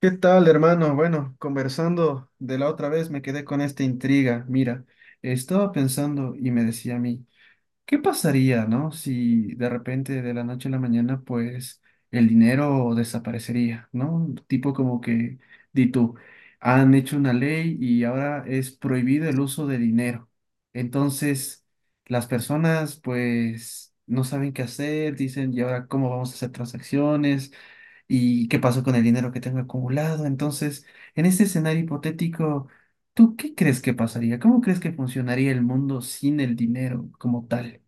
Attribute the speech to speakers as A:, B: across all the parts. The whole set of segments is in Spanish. A: ¿Qué tal, hermano? Bueno, conversando de la otra vez me quedé con esta intriga. Mira, estaba pensando y me decía a mí, ¿qué pasaría, no? Si de repente de la noche a la mañana, pues el dinero desaparecería, ¿no? Tipo como que, di tú, han hecho una ley y ahora es prohibido el uso de dinero. Entonces, las personas, pues, no saben qué hacer, dicen, ¿y ahora cómo vamos a hacer transacciones? Y qué pasó con el dinero que tengo acumulado. Entonces, en este escenario hipotético, ¿tú qué crees que pasaría? ¿Cómo crees que funcionaría el mundo sin el dinero como tal?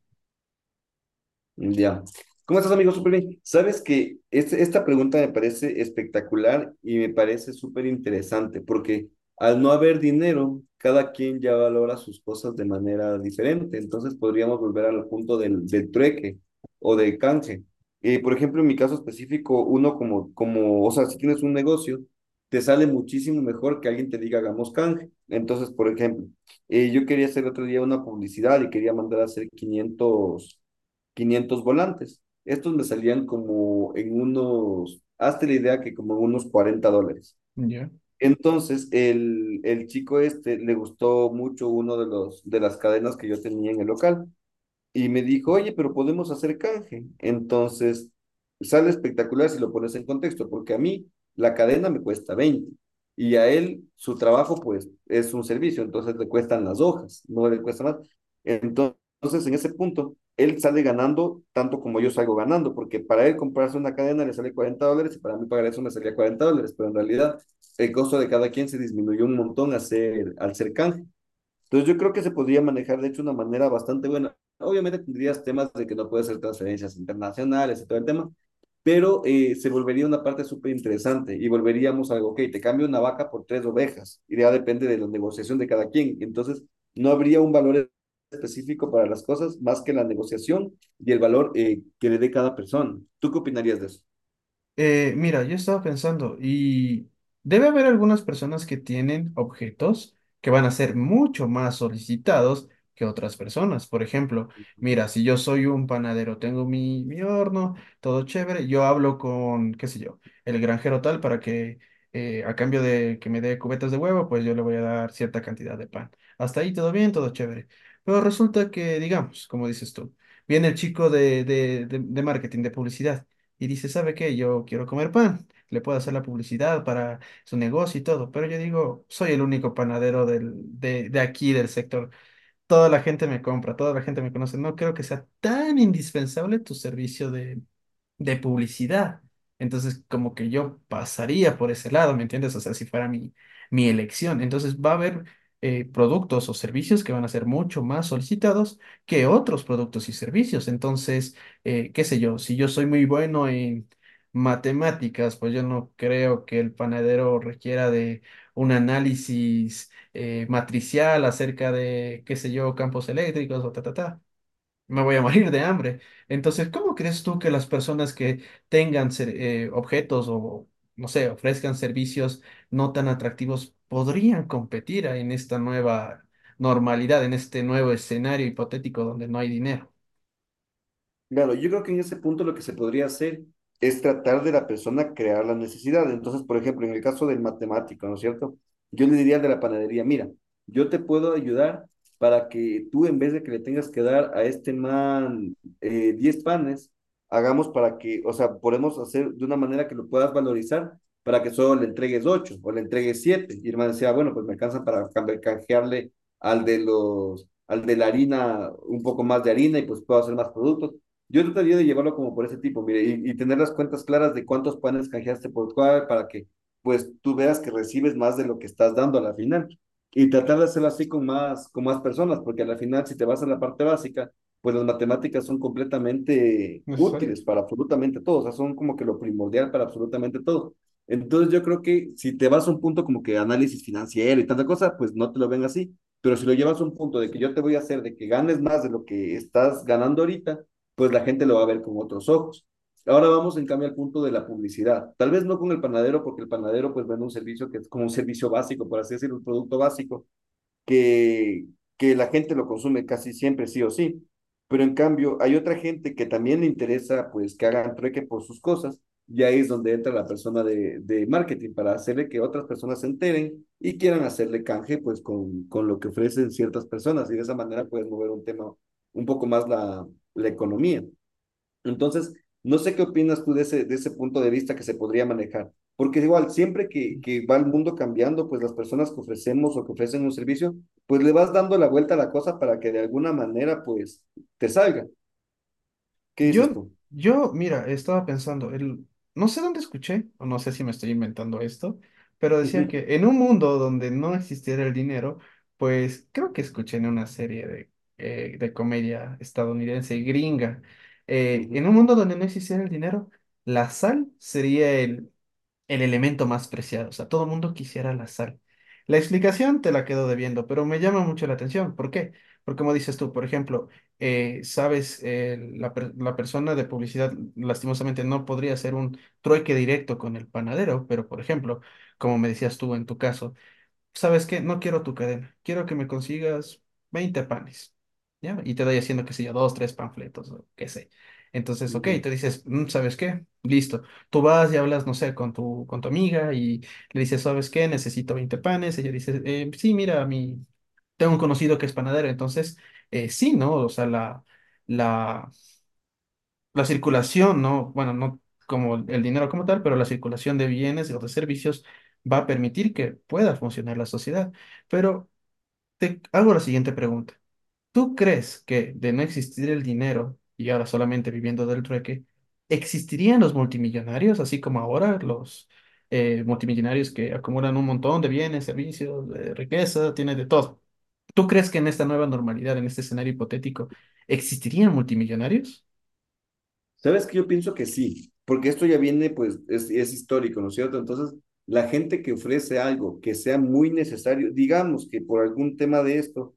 B: Ya. ¿Cómo estás, amigo? Súper bien. Sabes que esta pregunta me parece espectacular y me parece súper interesante porque al no haber dinero, cada quien ya valora sus cosas de manera diferente. Entonces podríamos volver al punto del trueque o del canje. Por ejemplo, en mi caso específico, uno o sea, si tienes un negocio, te sale muchísimo mejor que alguien te diga hagamos canje. Entonces, por ejemplo, yo quería hacer otro día una publicidad y quería mandar a hacer quinientos volantes. Estos me salían hazte la idea que como en unos $40.
A: ¿Ya?
B: Entonces, el chico este le gustó mucho uno de los de las cadenas que yo tenía en el local y me dijo, oye, pero podemos hacer canje. Entonces, sale espectacular si lo pones en contexto, porque a mí la cadena me cuesta 20 y a él su trabajo pues es un servicio, entonces le cuestan las hojas, no le cuesta más. Entonces, en ese punto, él sale ganando tanto como yo salgo ganando, porque para él comprarse una cadena le sale $40 y para mí pagar eso me salía $40, pero en realidad el costo de cada quien se disminuyó un montón al ser canje. Entonces yo creo que se podría manejar de hecho de una manera bastante buena. Obviamente tendrías temas de que no puedes hacer transferencias internacionales y todo el tema, pero se volvería una parte súper interesante y volveríamos a algo, ok, te cambio una vaca por tres ovejas y ya depende de la negociación de cada quien. Entonces no habría un valor específico para las cosas más que la negociación y el valor que le dé cada persona. ¿Tú qué opinarías de eso?
A: Mira, yo estaba pensando, y debe haber algunas personas que tienen objetos que van a ser mucho más solicitados que otras personas. Por ejemplo, mira, si yo soy un panadero, tengo mi horno, todo chévere, yo hablo con, qué sé yo, el granjero tal para que a cambio de que me dé cubetas de huevo, pues yo le voy a dar cierta cantidad de pan. Hasta ahí todo bien, todo chévere. Pero resulta que, digamos, como dices tú, viene el chico de marketing, de publicidad y dice, ¿sabe qué? Yo quiero comer pan. Le puedo hacer la publicidad para su negocio y todo, pero yo digo, soy el único panadero de aquí, del sector. Toda la gente me compra, toda la gente me conoce. No creo que sea tan indispensable tu servicio de publicidad. Entonces, como que yo pasaría por ese lado, ¿me entiendes? O sea, si fuera mi elección. Entonces, va a haber productos o servicios que van a ser mucho más solicitados que otros productos y servicios. Entonces, qué sé yo, si yo soy muy bueno en matemáticas, pues yo no creo que el panadero requiera de un análisis matricial acerca de, qué sé yo, campos eléctricos o ta, ta, ta, me voy a morir de hambre. Entonces, ¿cómo crees tú que las personas que tengan objetos o, no sé, ofrezcan servicios no tan atractivos podrían competir en esta nueva normalidad, en este nuevo escenario hipotético donde no hay dinero
B: Claro, yo creo que en ese punto lo que se podría hacer es tratar de la persona crear la necesidad. Entonces, por ejemplo, en el caso del matemático, ¿no es cierto? Yo le diría al de la panadería, mira, yo te puedo ayudar para que tú en vez de que le tengas que dar a este man 10 panes, hagamos para que, o sea, podemos hacer de una manera que lo puedas valorizar para que solo le entregues 8 o le entregues siete. Y el man decía, bueno, pues me alcanza para canjearle al de la harina un poco más de harina y pues puedo hacer más productos. Yo trataría de llevarlo como por ese tipo, mire, y tener las cuentas claras de cuántos panes canjeaste por cuál, para que pues tú veas que recibes más de lo que estás dando a la final. Y tratar de hacerlo así con más personas, porque a la final si te vas a la parte básica, pues las matemáticas son completamente
A: necesario?
B: útiles para absolutamente todo, o sea, son como que lo primordial para absolutamente todo. Entonces yo creo que si te vas a un punto como que análisis financiero y tanta cosa, pues no te lo ven así, pero si lo llevas a un punto de que yo te voy a hacer de que ganes más de lo que estás ganando ahorita, pues la gente lo va a ver con otros ojos. Ahora vamos en cambio al punto de la publicidad. Tal vez no con el panadero, porque el panadero pues vende un servicio que es como un servicio básico, por así decirlo, un producto básico, que, que la gente lo consume casi siempre, sí o sí. Pero en cambio hay otra gente que también le interesa pues que hagan trueque por sus cosas y ahí es donde entra la persona de marketing para hacerle que otras personas se enteren y quieran hacerle canje pues con lo que ofrecen ciertas personas y de esa manera puedes mover un tema un poco más la economía. Entonces, no sé qué opinas tú de ese punto de vista que se podría manejar, porque igual, siempre que va el mundo cambiando, pues las personas que ofrecemos o que ofrecen un servicio, pues le vas dando la vuelta a la cosa para que de alguna manera, pues, te salga. ¿Qué dices
A: Yo,
B: tú?
A: yo, mira, estaba pensando, el, no sé dónde escuché, o no sé si me estoy inventando esto, pero decía que en un mundo donde no existiera el dinero, pues creo que escuché en una serie de comedia estadounidense, gringa,
B: Ujú,
A: en un mundo donde no existiera el dinero, la sal sería el elemento más preciado. O sea, todo el mundo quisiera la sal. La explicación te la quedo debiendo, pero me llama mucho la atención. ¿Por qué? Porque como dices tú, por ejemplo, sabes, la persona de publicidad lastimosamente no podría hacer un trueque directo con el panadero, pero por ejemplo, como me decías tú en tu caso, ¿sabes qué? No quiero tu cadena, quiero que me consigas 20 panes, ¿ya? Y te doy haciendo, qué sé yo, dos, tres panfletos o qué sé. Entonces, ok,
B: ujú.
A: te dices, "Mm, ¿sabes qué? Listo. Tú vas y hablas, no sé, con con tu amiga y le dices, ¿sabes qué? Necesito 20 panes. Ella dice, sí, mira, mi... tengo un conocido que es panadero, entonces, sí, ¿no? O sea, la... La, la circulación, no, bueno, no como el dinero como tal, pero la circulación de bienes o de servicios va a permitir que pueda funcionar la sociedad. Pero te hago la siguiente pregunta. ¿Tú crees que de no existir el dinero y ahora solamente viviendo del trueque, existirían los multimillonarios, así como ahora los multimillonarios que acumulan un montón de bienes, servicios, riqueza, tienen de todo? ¿Tú crees que en esta nueva normalidad, en este escenario hipotético, existirían multimillonarios?
B: Sabes que yo pienso que sí, porque esto ya viene, pues, es histórico, ¿no es cierto? Entonces, la gente que ofrece algo que sea muy necesario, digamos que por algún tema de esto,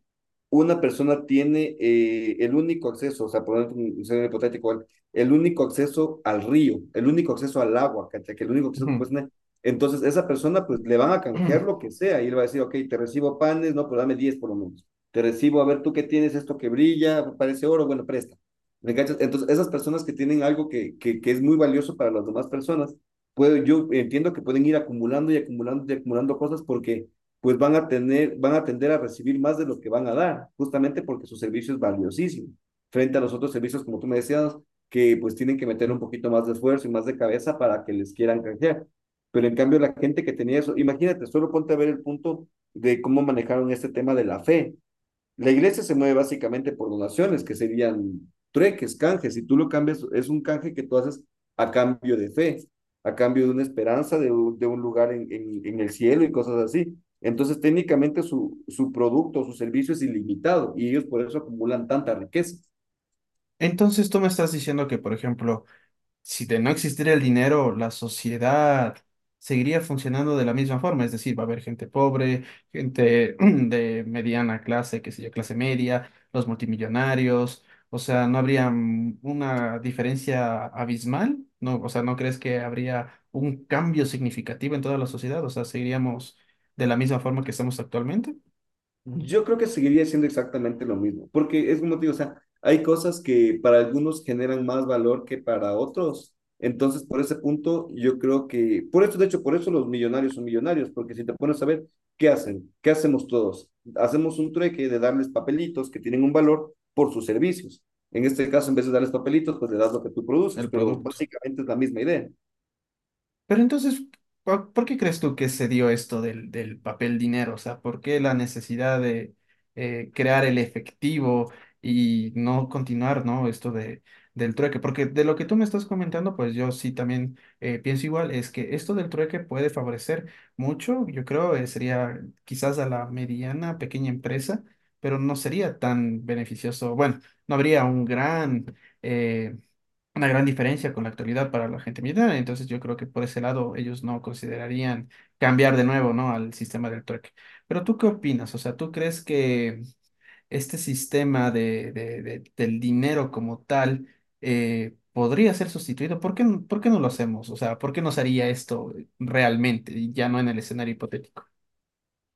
B: una persona tiene el único acceso, o sea, por un escenario hipotético, ¿vale? El único acceso al río, el único acceso al agua, ¿cachai? Que el único acceso que puedes
A: Ujú.
B: tener. Entonces, esa persona, pues, le van a canjear lo que sea, y él va a decir, ok, te recibo panes, no, pues dame 10 por lo menos. Te recibo, a ver, tú qué tienes, esto que brilla, parece oro, bueno, presta. ¿Me cachas? Entonces, esas personas que tienen algo que es muy valioso para las demás personas, puedo, yo entiendo que pueden ir acumulando y acumulando y acumulando cosas porque pues van a tener, van a tender a recibir más de lo que van a dar, justamente porque su servicio es valiosísimo, frente a los otros servicios, como tú me decías, que pues tienen que meter un poquito más de esfuerzo y más de cabeza para que les quieran canjear. Pero en cambio la gente que tenía eso, imagínate, solo ponte a ver el punto de cómo manejaron este tema de la fe, la iglesia se mueve básicamente por donaciones, que serían trueques, canjes. Si tú lo cambias, es un canje que tú haces a cambio de fe, a cambio de una esperanza, de un lugar el cielo y cosas así. Entonces, técnicamente su producto, su servicio es ilimitado y ellos por eso acumulan tanta riqueza.
A: Entonces tú me estás diciendo que, por ejemplo, si de no existiera el dinero, la sociedad seguiría funcionando de la misma forma, es decir, va a haber gente pobre, gente de mediana clase, qué sé yo, clase media, los multimillonarios, o sea, ¿no habría una diferencia abismal? No, o sea, ¿no crees que habría un cambio significativo en toda la sociedad? O sea, ¿seguiríamos de la misma forma que estamos actualmente?
B: Yo creo que seguiría siendo exactamente lo mismo, porque es como te digo, o sea, hay cosas que para algunos generan más valor que para otros. Entonces, por ese punto, yo creo que, por eso, de hecho, por eso los millonarios son millonarios, porque si te pones a ver, ¿qué hacen? ¿Qué hacemos todos? Hacemos un trueque de darles papelitos que tienen un valor por sus servicios. En este caso, en vez de darles papelitos, pues le das lo que tú produces,
A: El
B: pero
A: producto.
B: básicamente es la misma idea.
A: Pero entonces, ¿por qué crees tú que se dio esto del papel dinero? O sea, ¿por qué la necesidad de crear el efectivo y no continuar, ¿no? Esto de, del trueque. Porque de lo que tú me estás comentando, pues yo sí también pienso igual, es que esto del trueque puede favorecer mucho, yo creo, sería quizás a la mediana, pequeña empresa, pero no sería tan beneficioso. Bueno, no habría un gran... eh, una gran diferencia con la actualidad para la gente militar. Entonces yo creo que por ese lado ellos no considerarían cambiar de nuevo, ¿no? Al sistema del trueque. Pero ¿tú qué opinas? O sea, ¿tú crees que este sistema del dinero como tal podría ser sustituido? ¿Por qué, n- por qué no lo hacemos? O sea, ¿por qué nos haría esto realmente y ya no en el escenario hipotético?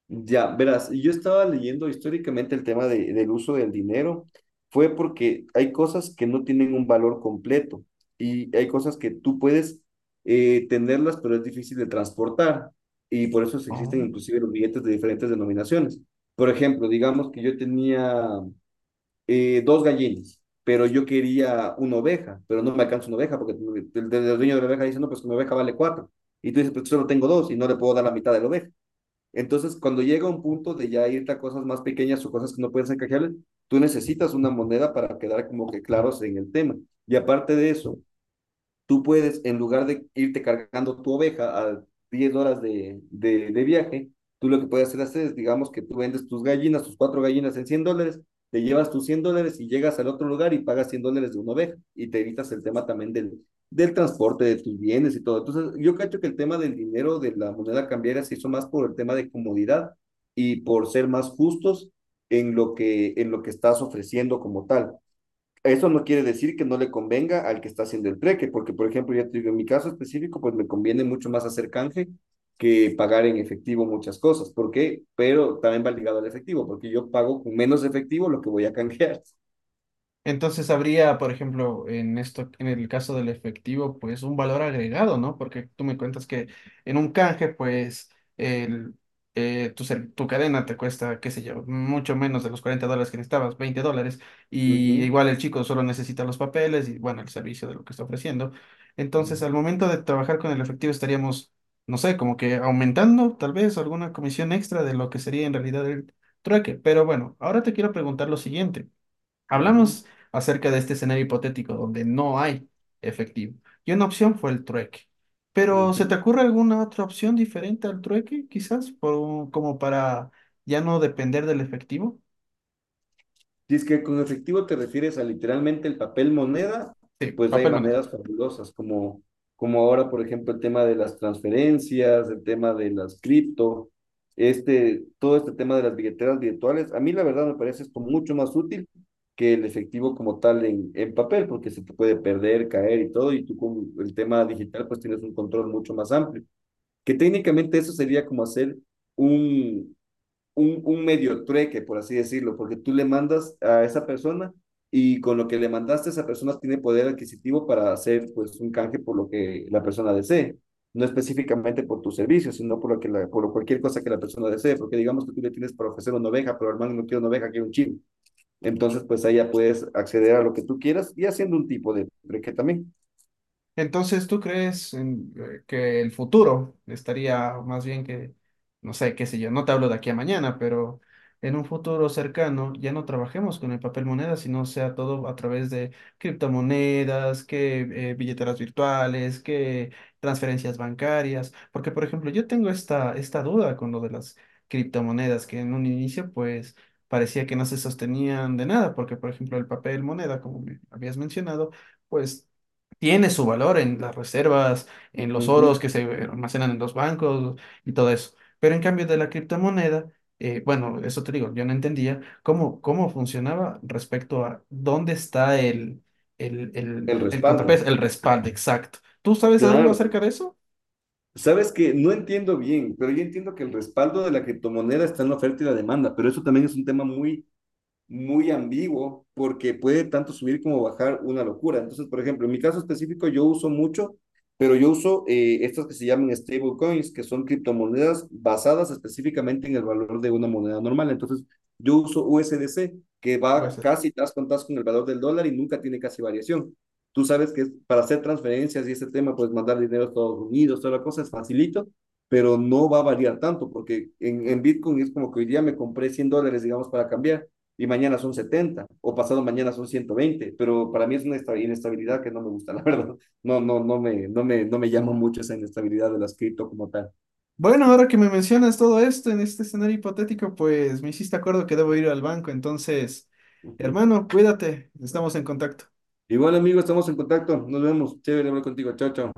B: Ya, verás, yo estaba leyendo históricamente el tema del uso del dinero, fue porque hay cosas que no tienen un valor completo y hay cosas que tú puedes tenerlas, pero es difícil de transportar y por eso se existen inclusive los billetes de diferentes denominaciones. Por ejemplo, digamos que yo tenía dos gallinas, pero yo quería una oveja, pero no me alcanza una oveja porque el dueño de la oveja dice, no, pues una oveja vale cuatro. Y tú dices, pues solo tengo dos y no le puedo dar la mitad de la oveja. Entonces, cuando llega un punto de ya irte a cosas más pequeñas o cosas que no pueden ser canjeables, tú necesitas una moneda para quedar como que claros en el tema. Y aparte de eso, tú puedes, en lugar de irte cargando tu oveja a 10 horas de viaje, tú lo que puedes hacer, es, digamos, que tú vendes tus gallinas, tus cuatro gallinas en $100, te llevas tus $100 y llegas al otro lugar y pagas $100 de una oveja y te evitas el tema también del transporte, de tus bienes y todo. Entonces, yo cacho que el tema del dinero, de la moneda cambiaria, se hizo más por el tema de comodidad y por ser más justos en lo que estás ofreciendo como tal. Eso no quiere decir que no le convenga al que está haciendo el trueque, porque, por ejemplo, ya te digo, en mi caso específico, pues me conviene mucho más hacer canje que pagar en efectivo muchas cosas. ¿Por qué? Pero también va ligado al efectivo, porque yo pago con menos efectivo lo que voy a canjear.
A: Entonces habría, por ejemplo, en esto, en el caso del efectivo, pues un valor agregado, ¿no? Porque tú me cuentas que en un canje, pues el, tu cadena te cuesta, qué sé yo, mucho menos de los $40 que necesitabas, $20, y
B: Ujú,
A: igual el chico solo necesita los papeles y, bueno, el servicio de lo que está ofreciendo. Entonces,
B: ujú,
A: al momento de trabajar con el efectivo estaríamos, no sé, como que aumentando tal vez alguna comisión extra de lo que sería en realidad el trueque. Pero bueno, ahora te quiero preguntar lo siguiente.
B: ujú,
A: Hablamos acerca de este escenario hipotético donde no hay efectivo. Y una opción fue el trueque. Pero ¿se
B: ujú.
A: te ocurre alguna otra opción diferente al trueque? Quizás por un- como para ya no depender del efectivo.
B: Dice que con efectivo te refieres a literalmente el papel moneda,
A: Sí,
B: pues hay
A: papel moneda.
B: maneras fabulosas, como ahora, por ejemplo, el tema de las transferencias, el tema de las cripto, este, todo este tema de las billeteras virtuales. A mí la verdad me parece esto mucho más útil que el efectivo como tal en papel, porque se te puede perder, caer y todo, y tú con el tema digital pues tienes un control mucho más amplio, que técnicamente eso sería como hacer un, un medio trueque, por así decirlo, porque tú le mandas a esa persona y con lo que le mandaste, esa persona tiene poder adquisitivo para hacer pues un canje por lo que la persona desee, no específicamente por tu servicio, sino por cualquier cosa que la persona desee, porque digamos que tú le tienes para ofrecer una oveja, pero hermano no quiero una oveja, quiero un chivo. Entonces, pues ahí ya puedes acceder a lo que tú quieras y haciendo un tipo de trueque también.
A: Entonces, ¿tú crees en, que el futuro estaría más bien que, no sé, qué sé yo, no te hablo de aquí a mañana, pero en un futuro cercano ya no trabajemos con el papel moneda, sino sea todo a través de criptomonedas, que billeteras virtuales, que transferencias bancarias? Porque, por ejemplo, yo tengo esta duda con lo de las criptomonedas, que en un inicio, pues, parecía que no se sostenían de nada, porque, por ejemplo, el papel moneda, como me habías mencionado, pues tiene su valor en las reservas, en
B: Uh
A: los
B: -huh.
A: oros que se almacenan en los bancos y todo eso. Pero en cambio de la criptomoneda, bueno, eso te digo, yo no entendía cómo, cómo funcionaba respecto a dónde está
B: El
A: el
B: respaldo.
A: contrapeso, el respaldo exacto. ¿Tú sabes algo
B: Claro,
A: acerca de eso?
B: sabes que no entiendo bien, pero yo entiendo que el respaldo de la criptomoneda está en la oferta y la demanda, pero eso también es un tema muy muy ambiguo porque puede tanto subir como bajar una locura. Entonces, por ejemplo, en mi caso específico yo uso mucho, pero yo uso estas que se llaman stablecoins, que son criptomonedas basadas específicamente en el valor de una moneda normal. Entonces, yo uso USDC, que
A: ¿O es-
B: va casi tas con el valor del dólar y nunca tiene casi variación. Tú sabes que para hacer transferencias y ese tema, pues mandar dinero a Estados Unidos, toda la cosa es facilito, pero no va a variar tanto, porque en Bitcoin es como que hoy día me compré $100, digamos, para cambiar, y mañana son 70 o pasado mañana son 120, pero para mí es una inestabilidad que no me gusta, la verdad. No, no, no me llama mucho esa inestabilidad de las cripto como tal.
A: Bueno, ahora que me mencionas todo esto en este escenario hipotético, pues me hiciste acuerdo que debo ir al banco, entonces, hermano, cuídate, estamos en contacto.
B: Igual, bueno, amigo, estamos en contacto. Nos vemos. Chévere hablar contigo. Chao, chao.